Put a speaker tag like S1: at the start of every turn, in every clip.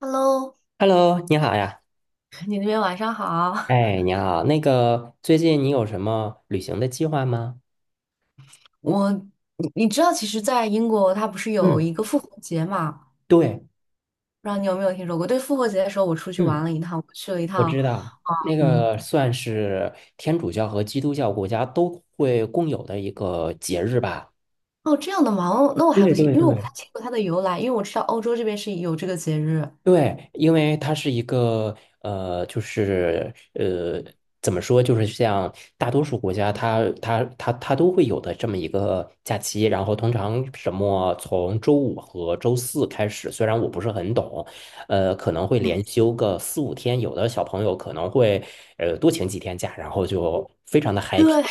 S1: Hello，
S2: Hello，你好呀。
S1: 你那边晚上好。
S2: 哎，你好，那个最近你有什么旅行的计划吗？
S1: 你知道，其实，在英国，它不是有
S2: 嗯，
S1: 一个复活节嘛？
S2: 对，
S1: 不知道你有没有听说过？对，复活节的时候，我出去玩
S2: 嗯，
S1: 了一趟，我去了一
S2: 我
S1: 趟。
S2: 知道，那
S1: 嗯。
S2: 个算是天主教和基督教国家都会共有的一个节日吧。
S1: 哦，这样的吗？哦，那我还
S2: 对
S1: 不清，
S2: 对
S1: 因为我不太
S2: 对。
S1: 清楚它的由来，因为我知道欧洲这边是有这个节日。
S2: 对，因为它是一个就是怎么说，就是像大多数国家它都会有的这么一个假期。然后通常什么从周五和周四开始，虽然我不是很懂，可能会连休个四五天。有的小朋友可能会多请几天假，然后就非常的 happy。
S1: 对，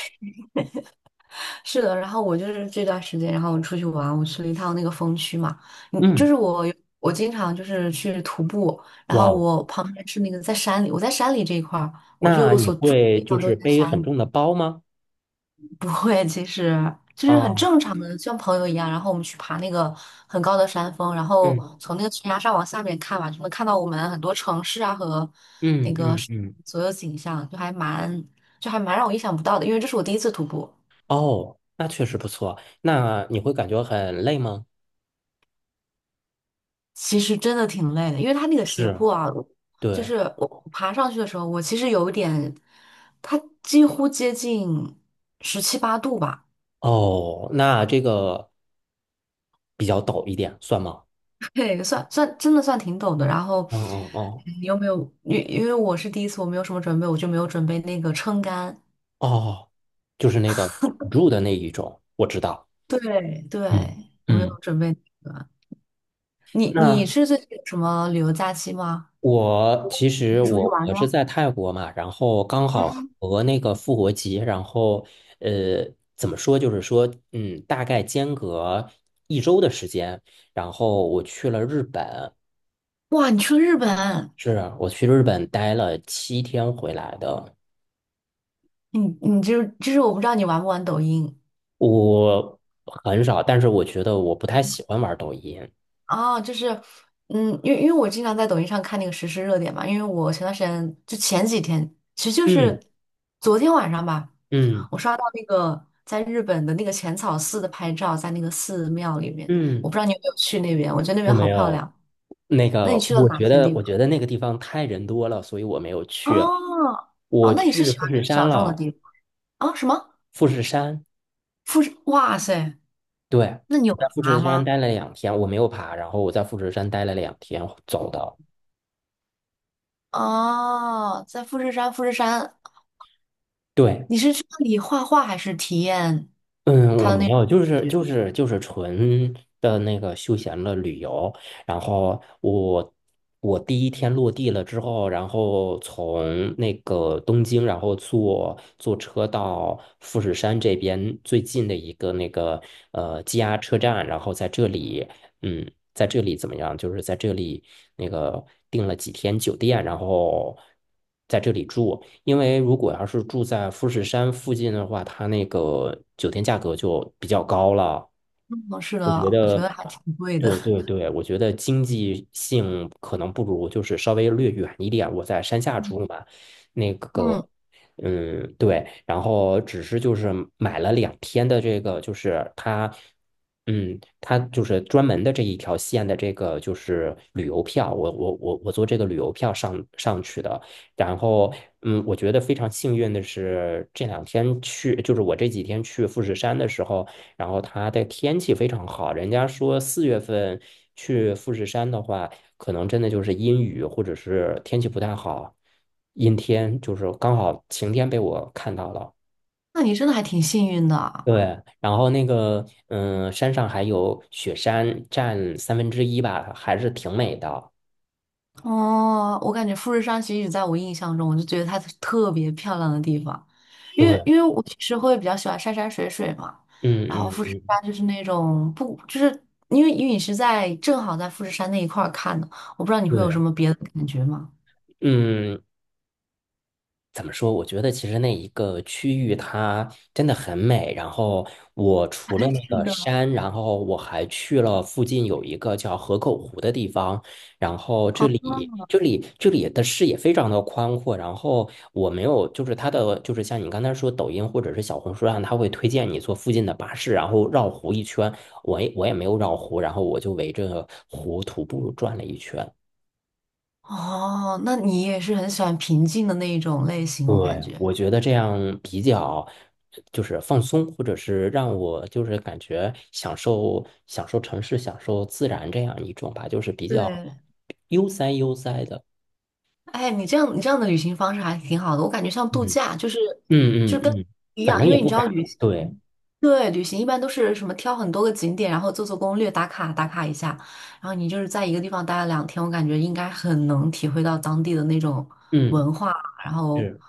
S1: 是的。然后我就是这段时间，然后我出去玩，我去了一趟那个风区嘛。嗯，就
S2: 嗯，
S1: 是我经常就是去徒步，然后
S2: 哇哦，
S1: 我旁边是那个在山里，我在山里这一块儿，我
S2: 那
S1: 就
S2: 你
S1: 所住的
S2: 会
S1: 地
S2: 就
S1: 方都
S2: 是
S1: 是在
S2: 背
S1: 山
S2: 很重
S1: 里。
S2: 的包吗？
S1: 不会，其实就是很
S2: 啊，
S1: 正常的，像朋友一样。然后我们去爬那个很高的山峰，然后
S2: 嗯
S1: 从那个悬崖上往下面看嘛，就能看到我们很多城市啊和那
S2: 嗯
S1: 个
S2: 嗯
S1: 是
S2: 嗯。
S1: 所有景象，就还蛮让我意想不到的。因为这是我第一次徒步，
S2: 哦，那确实不错。那你会感觉很累吗？
S1: 其实真的挺累的，因为它那个斜
S2: 是，
S1: 坡啊，就
S2: 对。
S1: 是我爬上去的时候，我其实有一点，它几乎接近十七八度吧。
S2: 哦，那这个比较陡一点，算吗？
S1: 对，算真的算挺陡的。然后
S2: 嗯嗯嗯，
S1: 你有没有？因为我是第一次，我没有什么准备，我就没有准备那个撑杆。
S2: 哦，就是那个辅助的那一种，我知道。
S1: 对对，
S2: 嗯
S1: 我没
S2: 嗯，
S1: 有准备那个。你
S2: 那
S1: 是最近有什么旅游假期吗？
S2: 我其
S1: 还
S2: 实
S1: 是出去
S2: 我
S1: 玩
S2: 我
S1: 呢？
S2: 是在泰国嘛，然后刚好和那个复活节，然后呃，怎么说，就是说，大概间隔一周的时间，然后我去了日本。
S1: 哇，你去了日本。
S2: 是啊，我去日本待了7天回来的，
S1: 你就是我不知道你玩不玩抖音。
S2: 我很少，但是我觉得我不太喜欢玩抖音。
S1: 啊，就是，因为我经常在抖音上看那个实时热点嘛，因为我前段时间就前几天，其实就
S2: 嗯
S1: 是昨天晚上吧，
S2: 嗯
S1: 我刷到那个在日本的那个浅草寺的拍照，在那个寺庙里面，我
S2: 嗯，
S1: 不知道你有没有去那边，我觉得那边
S2: 我没
S1: 好漂
S2: 有。
S1: 亮。
S2: 那
S1: 那
S2: 个，
S1: 你去了
S2: 我
S1: 哪
S2: 觉
S1: 些
S2: 得，
S1: 地
S2: 我
S1: 方？
S2: 觉得那个地方太人多了，所以我没有
S1: 哦。
S2: 去。
S1: 哦，
S2: 我
S1: 那你是
S2: 去
S1: 喜欢
S2: 富
S1: 比
S2: 士
S1: 较
S2: 山
S1: 小众的
S2: 了，
S1: 地方啊？什么
S2: 富士山，
S1: 富士？哇塞，
S2: 对，
S1: 那你有
S2: 在富
S1: 爬
S2: 士山
S1: 吗？
S2: 待了两天，我没有爬，然后我在富士山待了两天走的，
S1: 哦，在富士山
S2: 对，
S1: 你是去那里画画还是体验
S2: 嗯，
S1: 他
S2: 我
S1: 的
S2: 没
S1: 那种
S2: 有，就
S1: 感
S2: 是
S1: 觉？
S2: 就是就是纯的那个休闲的旅游。然后我第一天落地了之后，然后从那个东京，然后坐车到富士山这边最近的一个那个JR 车站，然后在这里在这里怎么样？就是在这里那个订了几天酒店，然后在这里住。因为如果要是住在富士山附近的话，它那个酒店价格就比较高了。
S1: 嗯，是
S2: 我觉
S1: 的，我
S2: 得，
S1: 觉得还挺贵的。
S2: 对对对，我觉得经济性可能不如，就是稍微略远一点。我在山 下
S1: 嗯，
S2: 住嘛，那个，
S1: 嗯
S2: 对，然后只是就是买了两天的这个，就是它，它就是专门的这一条线的这个就是旅游票，我坐这个旅游票上去的。然后，我觉得非常幸运的是，这两天去，就是我这几天去富士山的时候。然后它的天气非常好，人家说4月份去富士山的话，可能真的就是阴雨或者是天气不太好，阴天就是刚好晴天被我看到了。
S1: 那你真的还挺幸运的啊。
S2: 对，然后那个山上还有雪山，占三分之一吧，还是挺美的。
S1: 哦，我感觉富士山其实在我印象中，我就觉得它是特别漂亮的地方，因为
S2: 对，
S1: 因为我其实会比较喜欢山山水水嘛。
S2: 嗯
S1: 然后
S2: 嗯
S1: 富士
S2: 嗯，
S1: 山就是那种不，就是因为你是在正好在富士山那一块儿看的，我不知道你会有什
S2: 对，
S1: 么别的感觉吗？
S2: 嗯，怎么说？我觉得其实那一个区域它真的很美。然后我
S1: 啊，
S2: 除了那
S1: 是
S2: 个
S1: 的。
S2: 山，然后我还去了附近有一个叫河口湖的地方。然后这里的视野非常的宽阔。然后我没有，就是它的就是像你刚才说抖音或者是小红书上，它会推荐你坐附近的巴士，然后绕湖一圈。我也没有绕湖，然后我就围着湖徒步转了一圈。
S1: 哦，那你也是很喜欢平静的那一种类型，我感
S2: 对，
S1: 觉。
S2: 我觉得这样比较就是放松，或者是让我就是感觉享受享受城市、享受自然这样一种吧，就是比较
S1: 对，
S2: 悠哉悠哉的。
S1: 哎，你这样的旅行方式还挺好的，我感觉像度
S2: 嗯
S1: 假，就是
S2: 嗯
S1: 就是跟
S2: 嗯嗯，
S1: 一
S2: 反
S1: 样，
S2: 正
S1: 因
S2: 也
S1: 为你
S2: 不
S1: 知道
S2: 赶。
S1: 旅行，
S2: 对，
S1: 对，旅行一般都是什么挑很多个景点，然后做做攻略，打卡打卡一下，然后你就是在一个地方待了2天，我感觉应该很能体会到当地的那种
S2: 嗯
S1: 文化，然后
S2: 是，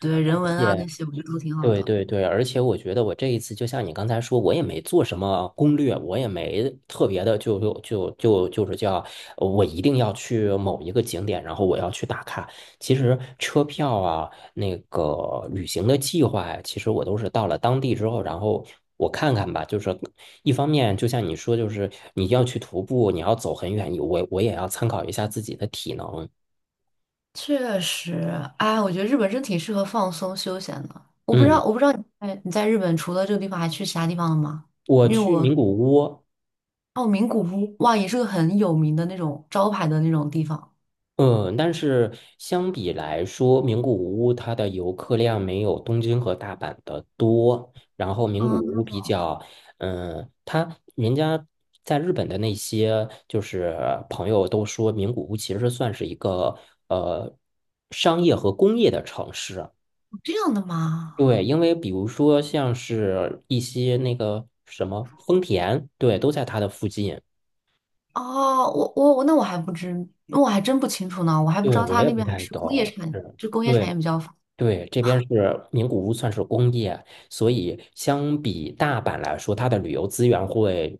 S1: 对人
S2: 而
S1: 文啊那
S2: 且。
S1: 些，我觉得都挺好
S2: 对
S1: 的。
S2: 对对，而且我觉得我这一次就像你刚才说，我也没做什么攻略，我也没特别的就是叫我一定要去某一个景点，然后我要去打卡。其实车票啊，那个旅行的计划呀，其实我都是到了当地之后，然后我看看吧。就是一方面，就像你说，就是你要去徒步，你要走很远，我也要参考一下自己的体能。
S1: 确实，哎，我觉得日本真挺适合放松休闲的。我不知
S2: 嗯，
S1: 道，我不知道你在日本除了这个地方还去其他地方了吗？
S2: 我
S1: 因为
S2: 去
S1: 我
S2: 名古屋。
S1: 哦，名古屋哇，也是个很有名的那种招牌的那种地方。
S2: 嗯，但是相比来说，名古屋它的游客量没有东京和大阪的多。然后名古屋
S1: 嗯，
S2: 比较，它人家在日本的那些就是朋友都说，名古屋其实算是一个呃商业和工业的城市。
S1: 这样的吗？
S2: 对，因为比如说像是一些那个什么丰田，对，都在它的附近。
S1: 哦，我我我那我还不知，那我还真不清楚呢，我还不
S2: 对，
S1: 知道
S2: 我
S1: 他
S2: 也
S1: 那
S2: 不
S1: 边还
S2: 太
S1: 是工业
S2: 懂，
S1: 产，
S2: 是。
S1: 就工业产
S2: 对。
S1: 业比较发
S2: 对，这边是名古屋，算是工业，所以相比大阪来说，它的旅游资源会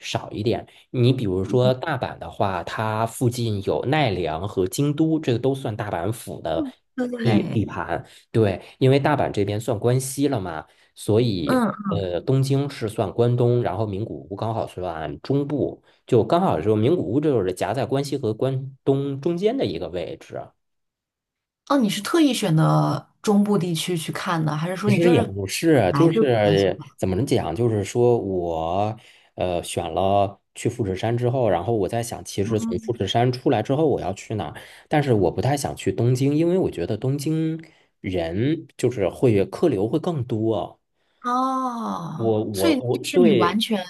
S2: 少一点。你比如说大阪的话，它附近有奈良和京都，这个都算大阪府的
S1: 达。
S2: 地
S1: 对。
S2: 地盘。对，因为大阪这边算关西了嘛，所以
S1: 嗯。
S2: 东京是算关东，然后名古屋刚好算中部，就刚好就名古屋就是夹在关西和关东中间的一个位置。
S1: 哦，你是特意选的中部地区去看的，还是说
S2: 其
S1: 你
S2: 实
S1: 就
S2: 也
S1: 是
S2: 不是，
S1: 来
S2: 就
S1: 就？
S2: 是怎么讲，就是说我选了去富士山之后，然后我在想，其实从富
S1: 嗯
S2: 士山出来之后我要去哪儿？但是我不太想去东京，因为我觉得东京人就是会客流会更多。
S1: 哦，
S2: 我
S1: 所
S2: 我
S1: 以就
S2: 我
S1: 是你完
S2: 对
S1: 全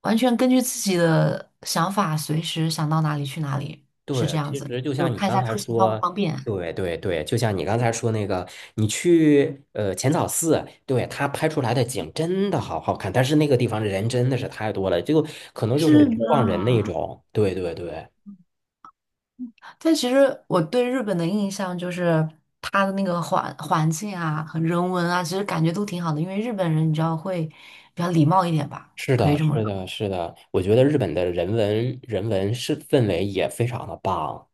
S1: 完全根据自己的想法，随时想到哪里去哪里，是这
S2: 对，
S1: 样
S2: 其
S1: 子，
S2: 实就
S1: 就
S2: 像
S1: 是
S2: 你
S1: 看一
S2: 刚
S1: 下
S2: 才
S1: 出行方不
S2: 说，
S1: 方便。
S2: 对对对，就像你刚才说那个，你去浅草寺，对，他拍出来的景真的好好看，但是那个地方人真的是太多了，就可能就是
S1: 是
S2: 人撞人那
S1: 的，
S2: 种。对对对，
S1: 但其实我对日本的印象就是它的那个环境啊和人文啊，其实感觉都挺好的，因为日本人你知道会比较礼貌一点吧，
S2: 是
S1: 可以
S2: 的，
S1: 这么
S2: 是
S1: 说。
S2: 的，是的，我觉得日本的人文是氛围也非常的棒。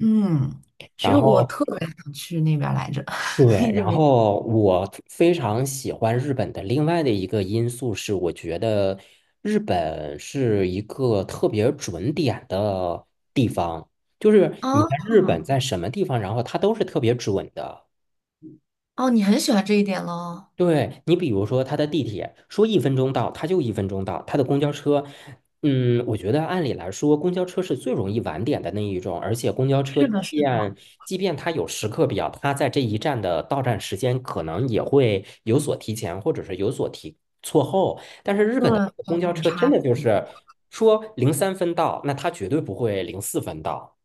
S1: 嗯，其实
S2: 然
S1: 我
S2: 后
S1: 特别想去那边儿来着，
S2: 对，
S1: 一直
S2: 然
S1: 没。
S2: 后我非常喜欢日本的另外的一个因素是，我觉得日本是一个特别准点的地方，就是
S1: 哦
S2: 你在日本在什么地方，然后它都是特别准的。
S1: 哦，你很喜欢这一点喽？
S2: 对你，比如说他的地铁说一分钟到，他就一分钟到；他的公交车，我觉得按理来说，公交车是最容易晚点的那一种，而且公交车
S1: 是
S2: 即
S1: 的，是
S2: 便
S1: 的。
S2: 即便它有时刻表，它在这一站的到站时间可能也会有所提前，或者是有所提错后。但是日
S1: 对，
S2: 本的那个
S1: 有
S2: 公交
S1: 点
S2: 车
S1: 差
S2: 真的就
S1: 别。
S2: 是说零三分到，那它绝对不会零四分到。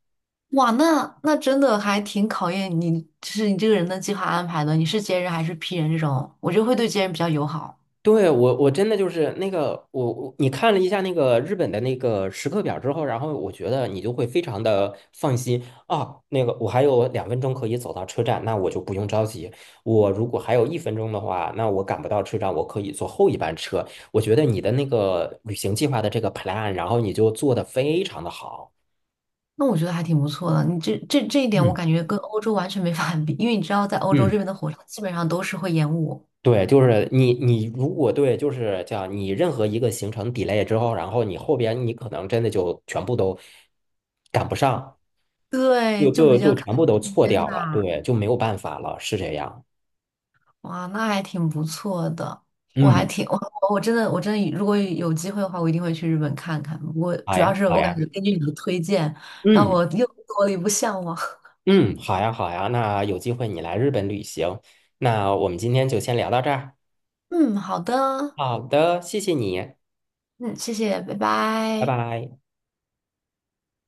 S1: 哇，那真的还挺考验你，就是你这个人的计划安排的。你是 J 人还是 P 人这种？我觉得会对 J 人比较友好。
S2: 对，我真的就是那个你看了一下那个日本的那个时刻表之后，然后我觉得你就会非常的放心啊。那个我还有2分钟可以走到车站，那我就不用着急。我如果还有一分钟的话，那我赶不到车站，我可以坐后一班车。我觉得你的那个旅行计划的这个 plan，然后你就做的非常的好。
S1: 那我觉得还挺不错的。你这一点，我
S2: 嗯
S1: 感觉跟欧洲完全没法比，因为你知道，在欧洲这
S2: 嗯。
S1: 边的火车基本上都是会延误，
S2: 对，就是你如果对，就是叫你任何一个行程 delay 之后，然后你后边你可能真的就全部都赶不上，
S1: 对，
S2: 就
S1: 就
S2: 就
S1: 比较
S2: 就
S1: 看
S2: 全部都
S1: 时
S2: 错
S1: 间
S2: 掉了，
S1: 吧。
S2: 对，就没有办法了，是这样。
S1: 哇，那还挺不错的。我还
S2: 嗯，
S1: 挺我我真的我真的如果有机会的话，我一定会去日本看看。不过
S2: 好
S1: 主要
S2: 呀，
S1: 是
S2: 好
S1: 我感
S2: 呀，
S1: 觉根据你的推荐，让
S2: 嗯
S1: 我又多了一步向往。
S2: 嗯，好呀，好呀，那有机会你来日本旅行，那我们今天就先聊到这儿。
S1: 嗯，好的。
S2: 好的，谢谢你，
S1: 嗯，谢谢，拜
S2: 拜
S1: 拜。
S2: 拜。